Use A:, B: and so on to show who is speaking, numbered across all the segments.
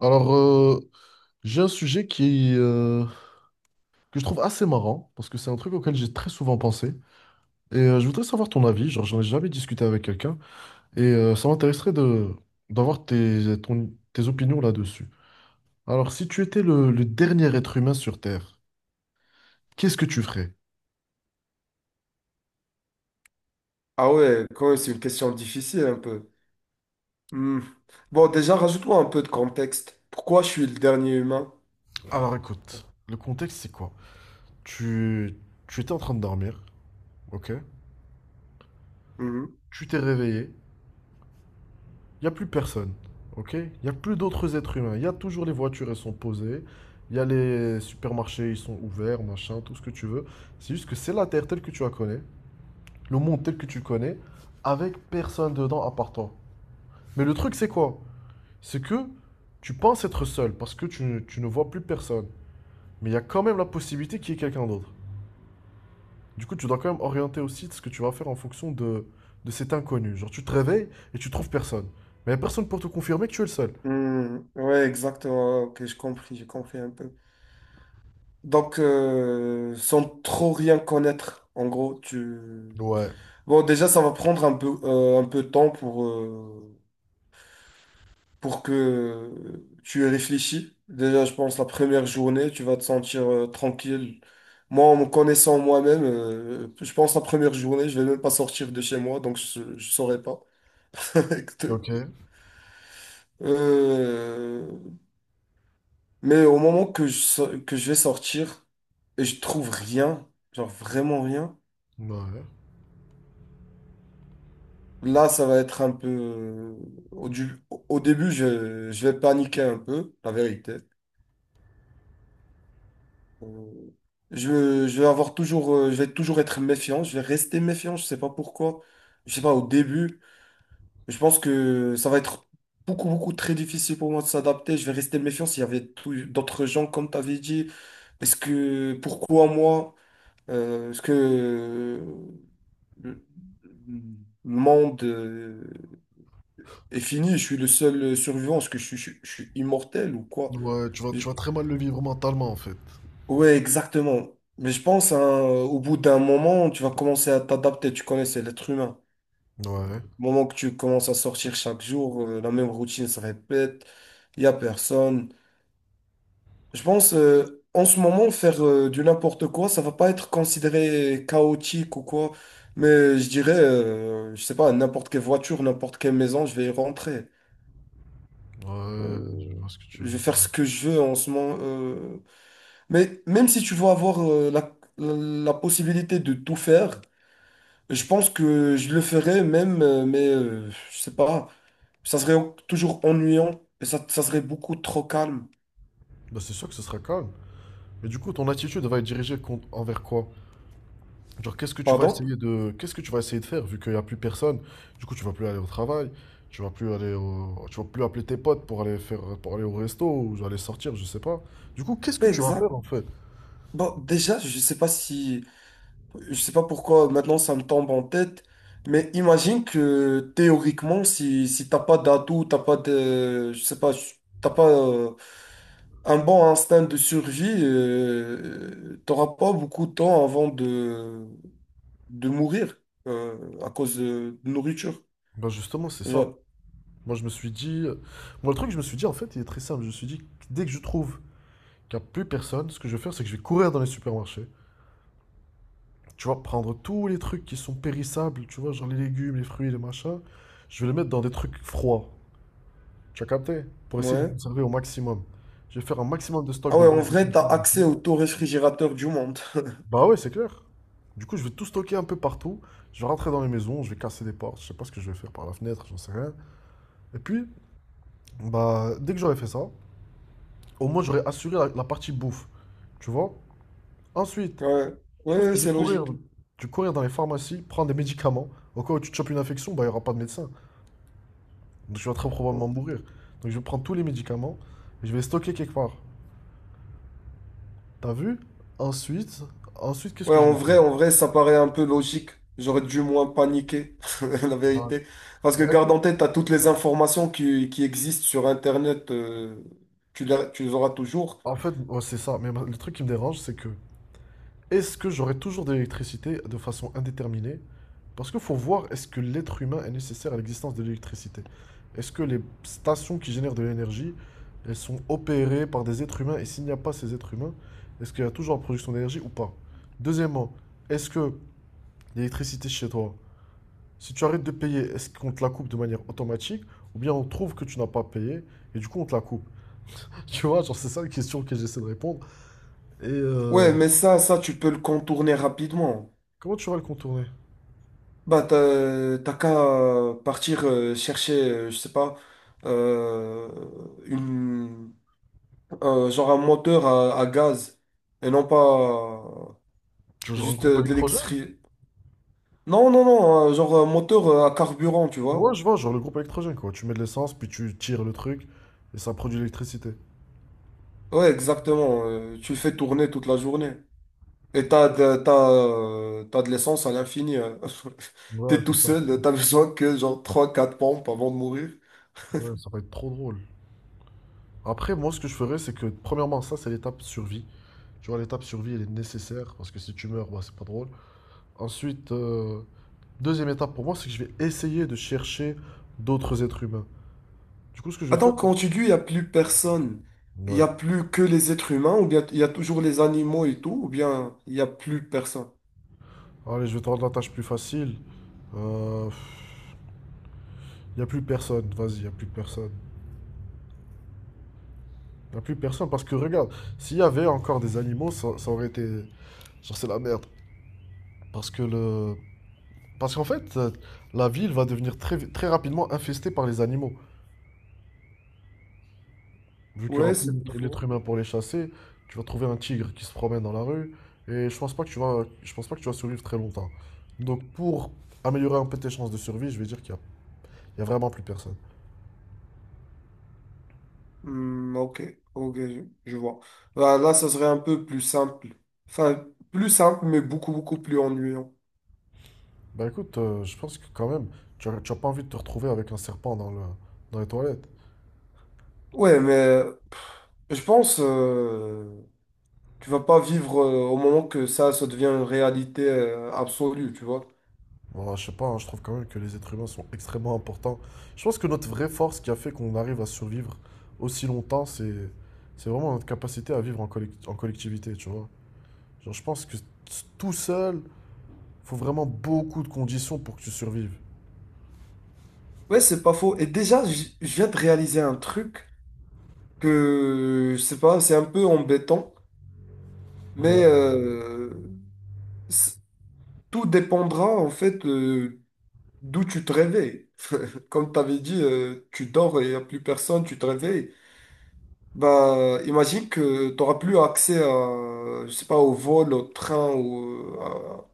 A: Alors, euh, j'ai un sujet que je trouve assez marrant, parce que c'est un truc auquel j'ai très souvent pensé. Je voudrais savoir ton avis, genre j'en ai jamais discuté avec quelqu'un, ça m'intéresserait de d'avoir tes opinions là-dessus. Alors, si tu étais le dernier être humain sur Terre, qu'est-ce que tu ferais?
B: Ah ouais, quand même, c'est une question difficile un peu. Hmm. Bon, déjà, rajoute-moi un peu de contexte. Pourquoi je suis le dernier humain?
A: Alors, écoute, le contexte c'est quoi? Tu, Tu étais en train de dormir, ok?
B: Mhm.
A: Tu t'es réveillé, il n'y a plus personne. OK? Il n'y a plus d'autres êtres humains. Il y a toujours les voitures, elles sont posées. Il y a les supermarchés, ils sont ouverts, machin, tout ce que tu veux. C'est juste que c'est la Terre telle que tu la connais, le monde tel que tu le connais, avec personne dedans à part toi. Mais le truc, c'est quoi? C'est que tu penses être seul parce que tu ne vois plus personne. Mais il y a quand même la possibilité qu'il y ait quelqu'un d'autre. Du coup, tu dois quand même orienter aussi ce que tu vas faire en fonction de cet inconnu. Genre, tu te réveilles et tu trouves personne. Mais il n'y a personne pour te confirmer que tu es le seul.
B: Hmm. Ouais, exactement. Ok, j'ai compris un peu. Donc, sans trop rien connaître, en gros, tu...
A: Ouais.
B: Bon, déjà, ça va prendre un peu de temps pour que tu y réfléchis. Déjà, je pense la première journée, tu vas te sentir tranquille. Moi, en me connaissant moi-même, je pense la première journée, je vais même pas sortir de chez moi, donc je ne saurais pas.
A: Ok.
B: Euh, mais au moment que que je vais sortir et je trouve rien, genre vraiment rien,
A: Ouais.
B: là, ça va être un peu... Au, du- Au début, je vais paniquer un peu, la vérité. Euh, je vais avoir toujours, je vais toujours être méfiant, je vais rester méfiant, je sais pas pourquoi, je sais pas au début, je pense que ça va être beaucoup, beaucoup très difficile pour moi de s'adapter, je vais rester méfiant s'il y avait tout- d'autres gens comme tu avais dit, est-ce que, pourquoi moi, est-ce que le monde est fini, je suis le seul survivant, est-ce que je suis immortel ou quoi?
A: Tu vas très mal le vivre mentalement en fait.
B: Ouais, exactement. Mais je pense, hein, au bout d'un moment, tu vas commencer à t'adapter. Tu connais, c'est l'être humain.
A: Ouais.
B: Au moment que tu commences à sortir chaque jour, la même routine se répète, il n'y a personne. Je pense, en ce moment, faire du n'importe quoi, ça va pas être considéré chaotique ou quoi. Mais je dirais, je sais pas, n'importe quelle voiture, n'importe quelle maison, je vais y rentrer.
A: Ouais, je
B: Euh,
A: vois ce que tu
B: je
A: veux
B: vais faire
A: dire.
B: ce que je veux en ce moment. Mais même si tu veux avoir la possibilité de tout faire, je pense que je le ferais même, mais je sais pas, ça serait toujours ennuyant et ça serait beaucoup trop calme.
A: Bah, c'est sûr que ce sera calme. Mais du coup, ton attitude va être envers quoi? Genre,
B: Pardon?
A: qu'est-ce que tu vas essayer de faire vu qu'il n'y a plus personne? Du coup, tu vas plus aller au travail, tu vas plus appeler tes potes pour pour aller au resto ou aller sortir, je sais pas. Du coup, qu'est-ce que
B: Oui,
A: tu vas
B: exact.
A: faire en fait?
B: Bon, déjà, je sais pas si, je sais pas pourquoi maintenant ça me tombe en tête, mais imagine que théoriquement, si t'as pas d'atout, t'as pas de, je sais pas, t'as pas un bon instinct de survie, t'auras pas beaucoup de temps avant de mourir à cause de nourriture.
A: Bah, justement, c'est ça.
B: Genre.
A: Moi, je me suis dit, Moi, le truc, je me suis dit en fait, il est très simple. Je me suis dit, dès que je trouve qu'il n'y a plus personne, ce que je vais faire, c'est que je vais courir dans les supermarchés. Tu vois, prendre tous les trucs qui sont périssables, tu vois, genre les légumes, les fruits, les machins. Je vais les mettre dans des trucs froids. Tu as capté? Pour essayer de les
B: Ouais.
A: conserver au maximum. Je vais faire un maximum de stock
B: Ah
A: de
B: ouais, en
A: boîtes de
B: vrai, t'as
A: conserve
B: accès
A: aussi.
B: au taux réfrigérateur du monde.
A: Bah ouais, c'est clair. Du coup, je vais tout stocker un peu partout. Je vais rentrer dans les maisons, je vais casser des portes. Je sais pas ce que je vais faire par la fenêtre, j'en sais rien. Et puis, bah, dès que j'aurai fait ça, au moins j'aurai assuré la partie bouffe. Tu vois? Ensuite,
B: Ouais,
A: je pense que
B: ouais,
A: je vais
B: c'est
A: courir.
B: logique.
A: Je vais courir dans les pharmacies, prendre des médicaments. Au cas où tu te chopes une infection, bah, il n'y aura pas de médecin. Donc je vais très probablement mourir. Donc je vais prendre tous les médicaments et je vais les stocker quelque part. T'as vu? Ensuite, Ensuite qu'est-ce
B: Ouais,
A: que je vais faire?
B: en vrai, ça paraît un peu logique. J'aurais dû moins paniquer, la
A: Ah,
B: vérité. Parce que
A: bah
B: garde
A: écoute,
B: en tête, t'as toutes les informations qui existent sur Internet, tu tu les auras toujours.
A: en fait, ouais, c'est ça. Mais le truc qui me dérange, c'est que est-ce que j'aurai toujours de l'électricité de façon indéterminée? Parce qu'il faut voir, est-ce que l'être humain est nécessaire à l'existence de l'électricité? Est-ce que les stations qui génèrent de l'énergie, elles sont opérées par des êtres humains? Et s'il n'y a pas ces êtres humains, est-ce qu'il y a toujours la production d'énergie ou pas? Deuxièmement, est-ce que l'électricité chez toi, si tu arrêtes de payer, est-ce qu'on te la coupe de manière automatique? Ou bien on trouve que tu n'as pas payé et du coup on te la coupe? Tu vois, genre c'est ça la question que j'essaie de répondre. Et euh,
B: Ouais, mais ça, tu peux le contourner rapidement.
A: Comment tu vas le contourner?
B: Bah, t'as qu'à partir chercher, je sais pas, euh, une genre un moteur à gaz et non pas
A: Tu veux que je rencontre un
B: juste
A: groupe
B: de
A: électrogène?
B: l'électricité. Non, non, non, genre un moteur à carburant, tu
A: Ouais,
B: vois.
A: je vois, genre le groupe électrogène, quoi. Tu mets de l'essence, puis tu tires le truc, et ça produit de l'électricité.
B: Ouais, exactement. Tu le fais tourner toute la journée. Et t'as de l'essence à l'infini.
A: Ouais,
B: T'es
A: c'est
B: tout
A: ça.
B: seul, t'as besoin que genre trois quatre pompes avant de mourir.
A: Ouais, ça va être trop drôle. Après, moi, ce que je ferais, c'est que, premièrement, ça, c'est l'étape survie. Tu vois, l'étape survie, elle est nécessaire, parce que si tu meurs, bah, c'est pas drôle. Ensuite, euh, Deuxième étape pour moi, c'est que je vais essayer de chercher d'autres êtres humains. Du coup, ce que je vais
B: Attends,
A: faire,
B: quand tu dis il n'y a plus personne,
A: c'est...
B: il n'y
A: Ouais.
B: a plus que les êtres humains, ou bien il y a toujours les animaux et tout, ou bien il n'y a plus personne.
A: Allez, je vais te rendre la tâche plus facile. Euh, il n'y a plus personne, vas-y, il n'y a plus personne. Il n'y a plus personne, parce que regarde, s'il y avait encore des animaux, ça aurait été genre, c'est la merde. Parce que le. Parce qu'en fait, la ville va devenir très, très rapidement infestée par les animaux. Vu qu'il n'y
B: Ouais,
A: aura
B: c'est pas faux.
A: l'être humain pour les chasser, tu vas trouver un tigre qui se promène dans la rue. Et je pense pas que tu vas survivre très longtemps. Donc pour améliorer un peu tes chances de survie, je vais dire il y a vraiment plus personne.
B: Hmm, ok, ok, je vois. Là, ça serait un peu plus simple. Enfin, plus simple, mais beaucoup, beaucoup plus ennuyant.
A: Bah écoute, je pense que quand même, tu as pas envie de te retrouver avec un serpent dans les toilettes.
B: Ouais, mais pff, je pense tu vas pas vivre au moment que ça devient une réalité absolue, tu vois.
A: Ouais, je sais pas, hein, je trouve quand même que les êtres humains sont extrêmement importants. Je pense que notre vraie force qui a fait qu'on arrive à survivre aussi longtemps, c'est vraiment notre capacité à vivre en collectivité, tu vois. Genre, je pense que tout seul, faut vraiment beaucoup de conditions pour que tu survives.
B: Ouais, c'est pas faux. Et déjà, je viens de réaliser un truc que, je sais pas, c'est un peu embêtant,
A: Ouais.
B: mais c- tout dépendra, en fait, d'où tu te réveilles. Comme tu avais dit, tu dors et il n'y a plus personne, tu te réveilles. Bah, imagine que tu n'auras plus accès à, je sais pas, au vol, au train ou à-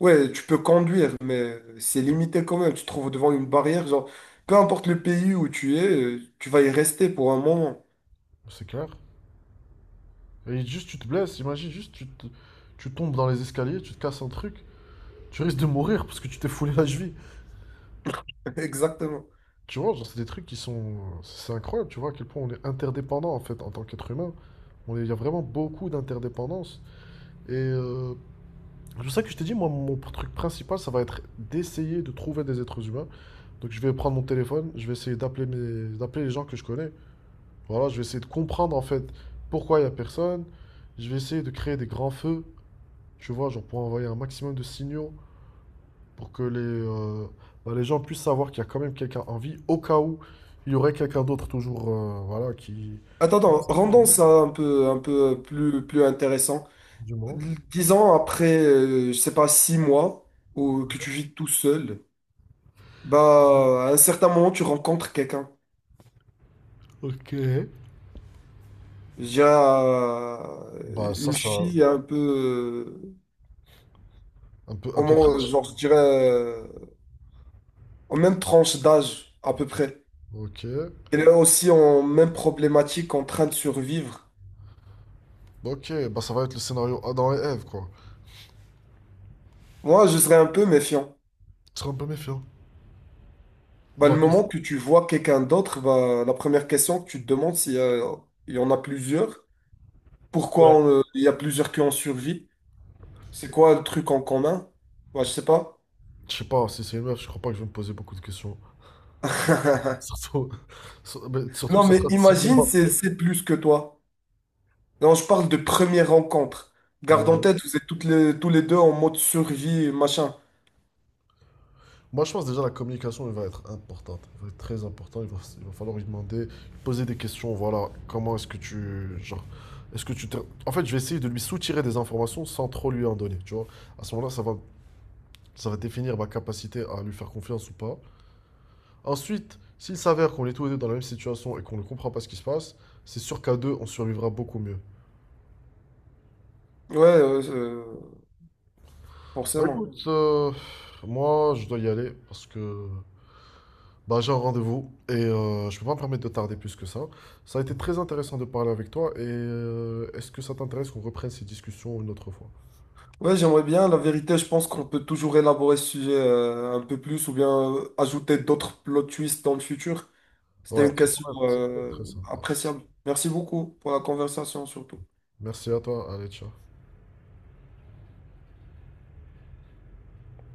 B: Ouais, tu peux conduire, mais c'est limité quand même. Tu te trouves devant une barrière, genre, peu importe le pays où tu es, tu vas y rester pour un moment.
A: C'est clair. Et juste, tu te blesses, imagine, tu tombes dans les escaliers, tu te casses un truc, tu risques de mourir parce que tu t'es foulé la cheville.
B: Exactement.
A: Tu vois, genre, c'est des trucs qui sont. C'est incroyable, tu vois, à quel point on est interdépendant en fait en tant qu'être humain. Il y a vraiment beaucoup d'interdépendance. Et euh, c'est pour ça que je t'ai dit, moi, mon truc principal, ça va être d'essayer de trouver des êtres humains. Donc je vais prendre mon téléphone, je vais essayer d'appeler les gens que je connais. Voilà, je vais essayer de comprendre en fait pourquoi il n'y a personne. Je vais essayer de créer des grands feux, tu vois, genre pour envoyer un maximum de signaux pour que bah, les gens puissent savoir qu'il y a quand même quelqu'un en vie, au cas où il y aurait quelqu'un d'autre toujours, voilà, qui...
B: Attends, attends, rendons ça un peu plus, plus intéressant.
A: Du moins.
B: Disons après, je sais pas, 6 mois, ou que tu vis tout seul. Bah, à un certain moment, tu rencontres quelqu'un.
A: Ok.
B: J'ai
A: Bah ça,
B: une
A: ça...
B: fille un peu, euh,
A: Un
B: au
A: peu
B: moins,
A: fraîche.
B: genre, je dirais, en même tranche d'âge, à peu près.
A: Ok.
B: Elle est aussi en même problématique, en train de survivre.
A: Bah, ok, bah ça va être le scénario Adam et Ève, quoi.
B: Moi, je serais un peu méfiant.
A: Je serais un peu méfiant.
B: Bah,
A: Dans
B: le
A: la question...
B: moment que tu vois quelqu'un d'autre, bah, la première question que tu te demandes, il y en a plusieurs, pourquoi
A: Ouais.
B: on, il y a plusieurs qui ont survécu, c'est quoi le truc en commun? Bah, je sais pas.
A: Je sais pas, si c'est une meuf, je crois pas que je vais me poser beaucoup de questions. Surtout, mais surtout
B: Non,
A: que ce
B: mais
A: sera six
B: imagine,
A: mois.
B: c'est plus que toi. Non, je parle de première rencontre. Garde en
A: Ouais.
B: tête, vous êtes tous les deux en mode survie, machin.
A: Moi, je pense déjà la communication elle va être importante, elle va être très importante. Il va falloir lui demander, lui poser des questions. Voilà, comment est-ce que tu, genre, est-ce que tu te- en fait, je vais essayer de lui soutirer des informations sans trop lui en donner. Tu vois, à ce moment-là, ça va définir ma capacité à lui faire confiance ou pas. Ensuite, s'il s'avère qu'on est tous les deux dans la même situation et qu'on ne comprend pas ce qui se passe, c'est sûr qu'à deux, on survivra beaucoup mieux.
B: Ouais,
A: Bah
B: forcément.
A: écoute, moi, je dois y aller parce que bah, j'ai un rendez-vous et je peux pas me permettre de tarder plus que ça. Ça a été très intéressant de parler avec toi et est-ce que ça t'intéresse qu'on reprenne ces discussions une autre fois?
B: Ouais, j'aimerais bien. La vérité, je pense qu'on peut toujours élaborer ce sujet un peu plus ou bien ajouter d'autres plot twists dans le futur. C'était
A: Ouais,
B: une question
A: ça pourrait être très sympa.
B: appréciable. Merci beaucoup pour la conversation, surtout.
A: Merci à toi, allez, ciao.